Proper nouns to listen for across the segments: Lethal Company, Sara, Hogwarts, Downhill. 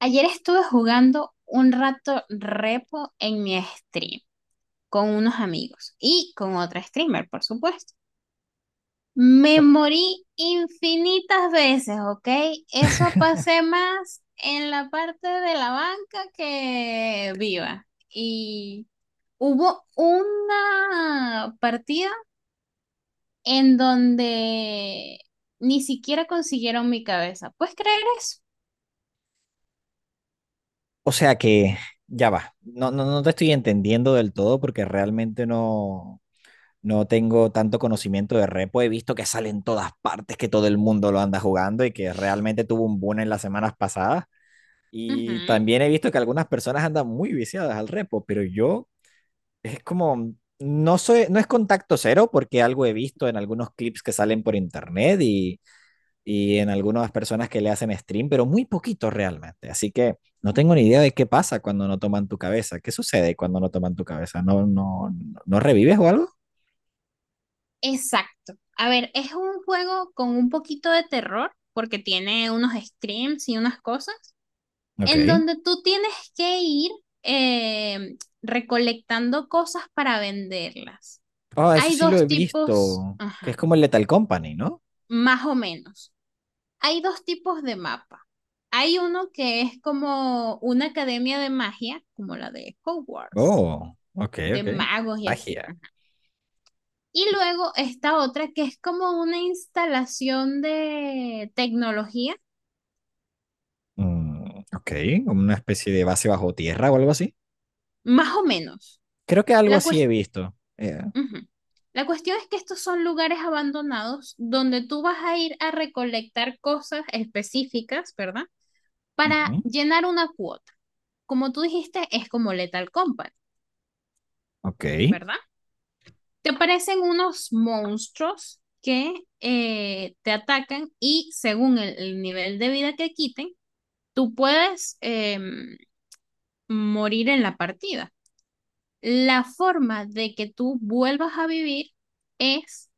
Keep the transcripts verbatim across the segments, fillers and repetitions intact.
Ayer estuve jugando un rato repo en mi stream con unos amigos y con otra streamer, por supuesto. Me morí infinitas veces, ¿ok? Eso pasé más en la parte de la banca que viva. Y hubo una partida en donde ni siquiera consiguieron mi cabeza. ¿Puedes creer eso? O sea que ya va. No, no, no te estoy entendiendo del todo porque realmente no, no tengo tanto conocimiento de repo. He visto que sale en todas partes, que todo el mundo lo anda jugando y que realmente tuvo un boom en las semanas pasadas. Ujú. Y también he visto que algunas personas andan muy viciadas al repo, pero yo es como, no soy, no es contacto cero porque algo he visto en algunos clips que salen por internet y y en algunas personas que le hacen stream, pero muy poquito realmente. Así que no tengo ni idea de qué pasa cuando no toman tu cabeza. ¿Qué sucede cuando no toman tu cabeza? ¿No, no, no revives o algo? Exacto. A ver, es un juego con un poquito de terror, porque tiene unos screams y unas cosas, en Ok. donde tú tienes que ir eh, recolectando cosas para venderlas. Ah eso Hay sí lo he dos tipos, visto. Que es ajá, como el Lethal Company, ¿no? más o menos. Hay dos tipos de mapa. Hay uno que es como una academia de magia, como la de Hogwarts, Oh, ok, de ok. magos y así. Magia. Y luego esta otra que es como una instalación de tecnología, Mm, ok, como una especie de base bajo tierra o algo así. más o menos. Creo que algo La, así he cuest- visto. Eh, ujú. La cuestión es que estos son lugares abandonados donde tú vas a ir a recolectar cosas específicas, ¿verdad? Para ujú, llenar una cuota. Como tú dijiste, es como Lethal Company, ok. ¿verdad? Te aparecen unos monstruos que eh, te atacan y según el, el nivel de vida que quiten, tú puedes... em, morir en la partida. La forma de que tú vuelvas a vivir es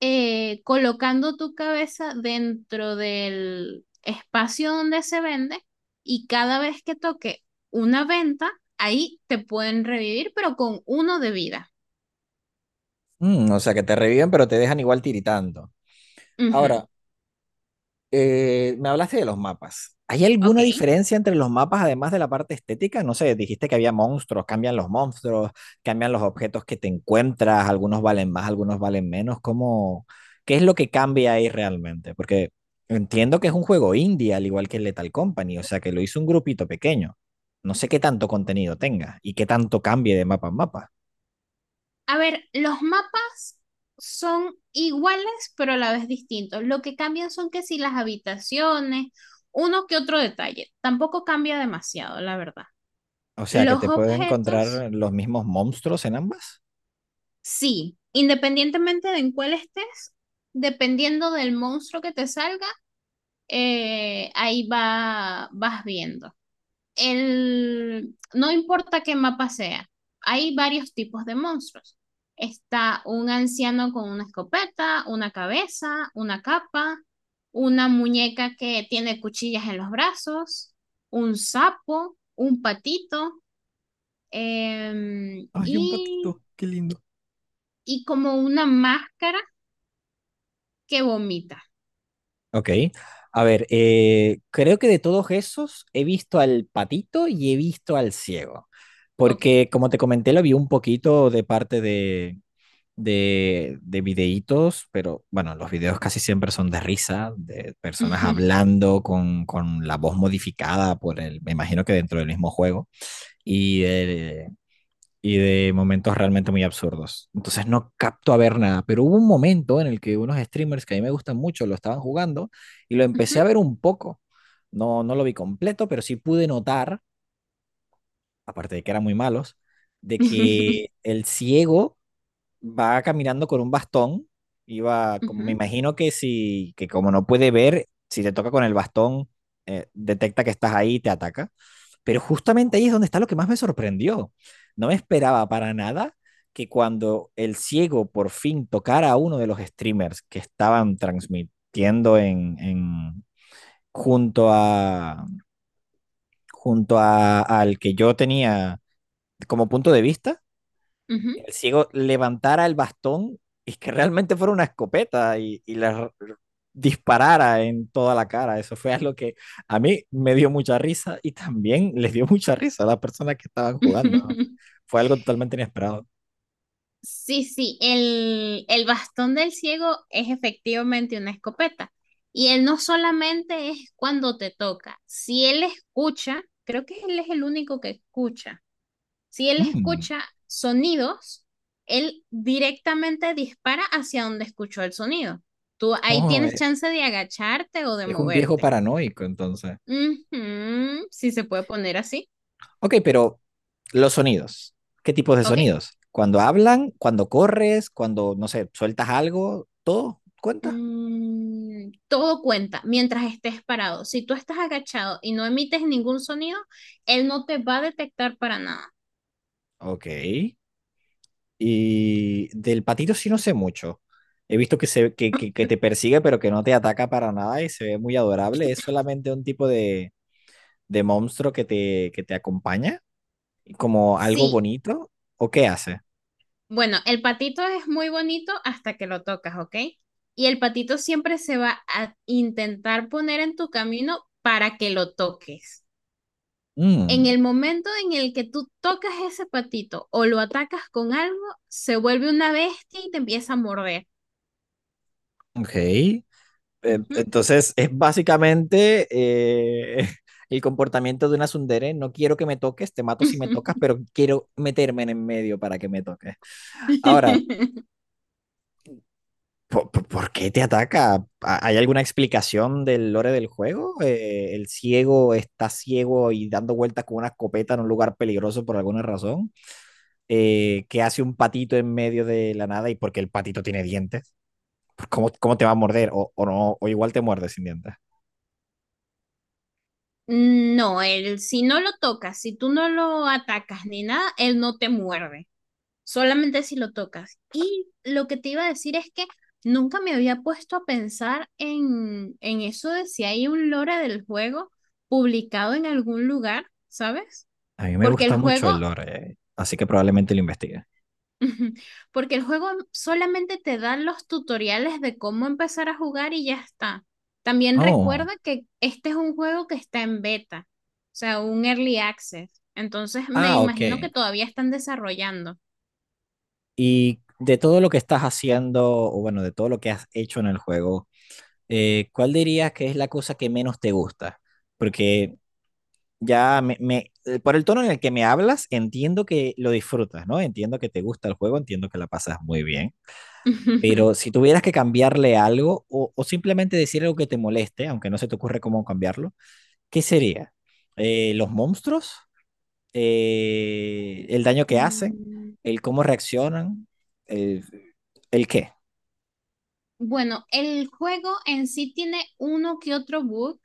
eh, colocando tu cabeza dentro del espacio donde se vende y cada vez que toque una venta, ahí te pueden revivir, pero con uno de vida. Mm, o sea que te reviven, pero te dejan igual tiritando. Ujú. Ahora, Eh, me hablaste de los mapas. ¿Hay alguna Ok. diferencia entre los mapas además de la parte estética? No sé, dijiste que había monstruos, cambian los monstruos, cambian los objetos que te encuentras, algunos valen más, algunos valen menos. ¿Cómo, qué es lo que cambia ahí realmente? Porque entiendo que es un juego indie, al igual que el Lethal Company, o sea que lo hizo un grupito pequeño. No sé qué tanto contenido tenga y qué tanto cambie de mapa en mapa. A ver, los mapas son iguales, pero a la vez distintos. Lo que cambian son que si las habitaciones, uno que otro detalle. Tampoco cambia demasiado, la verdad. O sea que Los te puede objetos, encontrar los mismos monstruos en ambas. sí, independientemente de en cuál estés, dependiendo del monstruo que te salga, eh, ahí va, vas viendo. El, no importa qué mapa sea, hay varios tipos de monstruos. Está un anciano con una escopeta, una cabeza, una capa, una muñeca que tiene cuchillas en los brazos, un sapo, un patito, eh, Ay, un y patito, qué lindo. y como una máscara que vomita. Ok. A ver, eh, creo que de todos esos he visto al patito y he visto al ciego. Ok. Porque como te comenté, lo vi un poquito de parte de, de, de videítos, pero bueno, los videos casi siempre son de risa, de personas hablando con, con la voz modificada por el, me imagino que dentro del mismo juego. Y eh, y de momentos realmente muy absurdos. Entonces no capto a ver nada, pero hubo un momento en el que unos streamers que a mí me gustan mucho lo estaban jugando y lo empecé a ver un poco. No, no lo vi completo, pero sí pude notar, aparte de que eran muy malos, de que el ciego va caminando con un bastón, iba, como me imagino que si, que como no puede ver, si te toca con el bastón, eh, detecta que estás ahí y te ataca. Pero justamente ahí es donde está lo que más me sorprendió. No me esperaba para nada que cuando el ciego por fin tocara a uno de los streamers que estaban transmitiendo en, en junto a junto a, al que yo tenía como punto de vista, el ciego levantara el bastón y que realmente fuera una escopeta y, y le disparara en toda la cara. Eso fue algo que a mí me dio mucha risa y también les dio mucha risa a las personas que estaban jugando. ¿No? Fue algo totalmente inesperado. Sí, sí, el, el bastón del ciego es efectivamente una escopeta. Y él no solamente es cuando te toca, si él escucha, creo que él es el único que escucha, si él Mm, escucha sonidos, él directamente dispara hacia donde escuchó el sonido. Tú ahí oh, tienes eh, chance de agacharte o de es un viejo moverte. paranoico, entonces. Ujú. Si se puede poner así. Ok, pero los sonidos. ¿Qué tipos de Ok. sonidos? Cuando hablan, cuando corres, cuando, no sé, sueltas algo, todo cuenta. Mm, todo cuenta mientras estés parado. Si tú estás agachado y no emites ningún sonido, él no te va a detectar para nada. Ok. Y del patito sí no sé mucho. He visto que, se, que, que, que te persigue, pero que no te ataca para nada y se ve muy adorable. Es solamente un tipo de, de monstruo que te, que te acompaña, como algo Sí. bonito. ¿O qué hace? Bueno, el patito es muy bonito hasta que lo tocas, ¿ok? Y el patito siempre se va a intentar poner en tu camino para que lo toques. En Mm, el momento en el que tú tocas ese patito o lo atacas con algo, se vuelve una bestia y te empieza a morder. ok. Eh, Ujú. Entonces es básicamente eh, el comportamiento de una tsundere. No quiero que me toques, te mato si me tocas, pero quiero meterme en el medio para que me toques. Ahora, ¿Por, por qué te ataca? ¿Hay alguna explicación del lore del juego? Eh, ¿el ciego está ciego y dando vueltas con una escopeta en un lugar peligroso por alguna razón? Eh, ¿qué hace un patito en medio de la nada y porque el patito tiene dientes? ¿Cómo, cómo te va a morder? O, o no, o igual te muerde sin dientes. No, él si no lo tocas, si tú no lo atacas ni nada, él no te muerde, solamente si lo tocas. Y lo que te iba a decir es que nunca me había puesto a pensar en, en eso de si hay un lore del juego publicado en algún lugar, ¿sabes? A mí me Porque el gusta mucho juego el lore, eh, así que probablemente lo investigue. Ujú. Porque el juego solamente te da los tutoriales de cómo empezar a jugar y ya está. También Oh, recuerda que este es un juego que está en beta, o sea, un early access. Entonces me ah, ok. imagino que todavía están desarrollando. Y de todo lo que estás haciendo, o bueno, de todo lo que has hecho en el juego, eh, ¿cuál dirías que es la cosa que menos te gusta? Porque ya me, me- eh, por el tono en el que me hablas, entiendo que lo disfrutas, ¿no? Entiendo que te gusta el juego, entiendo que la pasas muy bien. Pero si tuvieras que cambiarle algo o, o simplemente decir algo que te moleste, aunque no se te ocurre cómo cambiarlo, ¿qué sería? Eh, ¿los monstruos? eh, el daño que hacen, Mm. el cómo reaccionan, el, el qué. Bueno, el juego en sí tiene uno que otro bug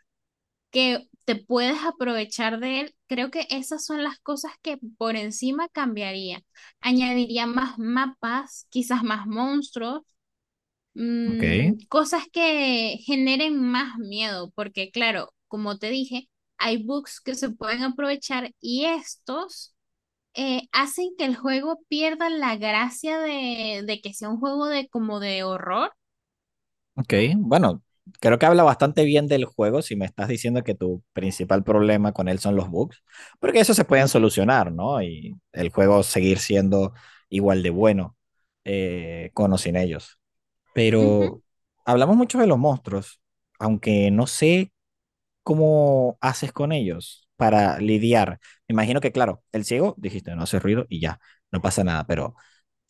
que te puedes aprovechar de él. Creo que esas son las cosas que por encima cambiaría. Añadiría más mapas, quizás más monstruos, Ok, mm, cosas que generen más miedo, porque claro, como te dije, hay bugs que se pueden aprovechar y estos eh, hacen que el juego pierda la gracia de, de que sea un juego de como de horror. ok. Bueno, creo que habla bastante bien del juego si me estás diciendo que tu principal problema con él son los bugs, porque eso se pueden Ujú, solucionar, ¿no? Y el juego seguir siendo igual de bueno eh, con o sin ellos. ujú. Pero hablamos mucho de los monstruos, aunque no sé, ¿cómo haces con ellos para lidiar? Me imagino que, claro, el ciego, dijiste, no hace ruido y ya, no pasa nada, pero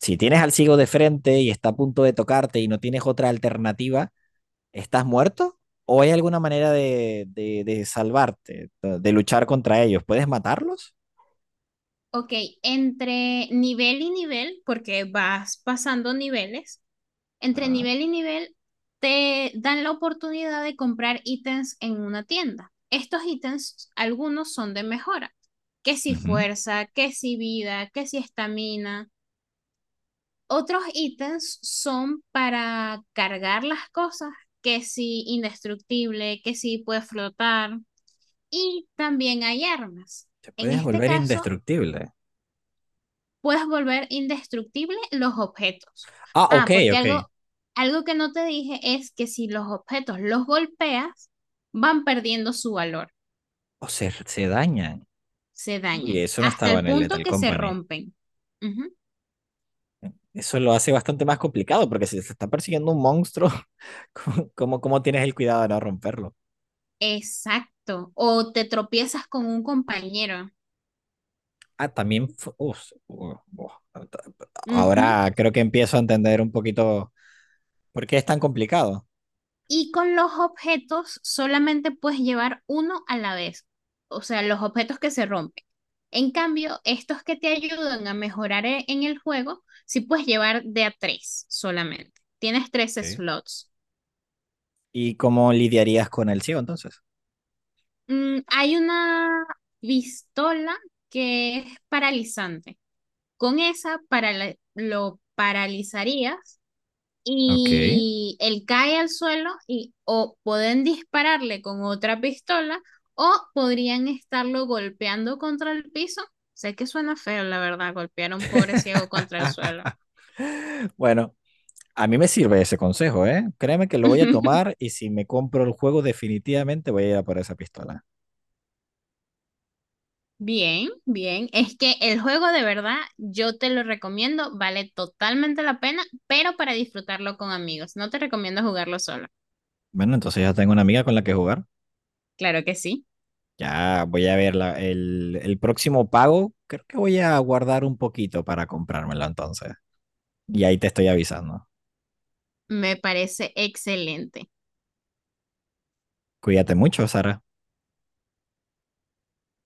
si tienes al ciego de frente y está a punto de tocarte y no tienes otra alternativa, ¿estás muerto? ¿O hay alguna manera de, de, de salvarte, de, de luchar contra ellos? ¿Puedes matarlos? Ok, entre nivel y nivel, porque vas pasando niveles, entre Ajá. nivel y nivel te dan la oportunidad de comprar ítems en una tienda. Estos ítems, algunos son de mejora, que si Ujú. fuerza, que si vida, que si estamina. Otros ítems son para cargar las cosas, que si indestructible, que si puede flotar. Y también hay armas. Te En puedes este volver caso, indestructible. puedes volver indestructible los objetos. Ah, ok, Ah, porque ok. algo, algo que no te dije es que si los objetos los golpeas, van perdiendo su valor, O se, se dañan. se Uy, dañan, eso no hasta estaba el en el punto Lethal que se Company. rompen. Ujú. Eso lo hace bastante más complicado, porque si se está persiguiendo un monstruo, ¿cómo, cómo, cómo tienes el cuidado de no romperlo? Exacto. O te tropiezas con un compañero. Ah, también. fu- uf, uh, uh, Ujú. ahora creo que empiezo a entender un poquito por qué es tan complicado. Y con los objetos solamente puedes llevar uno a la vez, o sea, los objetos que se rompen. En cambio, estos que te ayudan a mejorar e- en el juego, sí puedes llevar de a tres solamente. Tienes tres Ok. slots. Y cómo lidiarías con el ciego entonces. Mm, hay una pistola que es paralizante. Con esa para lo paralizarías Ok. y él cae al suelo y o pueden dispararle con otra pistola o podrían estarlo golpeando contra el piso. Sé que suena feo, la verdad, golpear a un pobre ciego contra el suelo. Bueno, a mí me sirve ese consejo, ¿eh? Créeme que lo voy a tomar y si me compro el juego definitivamente voy a ir a por esa pistola. Bien, bien. Es que el juego de verdad yo te lo recomiendo, vale totalmente la pena, pero para disfrutarlo con amigos. No te recomiendo jugarlo solo. Bueno, entonces ya tengo una amiga con la que jugar. Claro que sí. Ya voy a ver la- el, el próximo pago. Creo que voy a guardar un poquito para comprármelo entonces. Y ahí te estoy avisando. Me parece excelente. Cuídate mucho, Sara.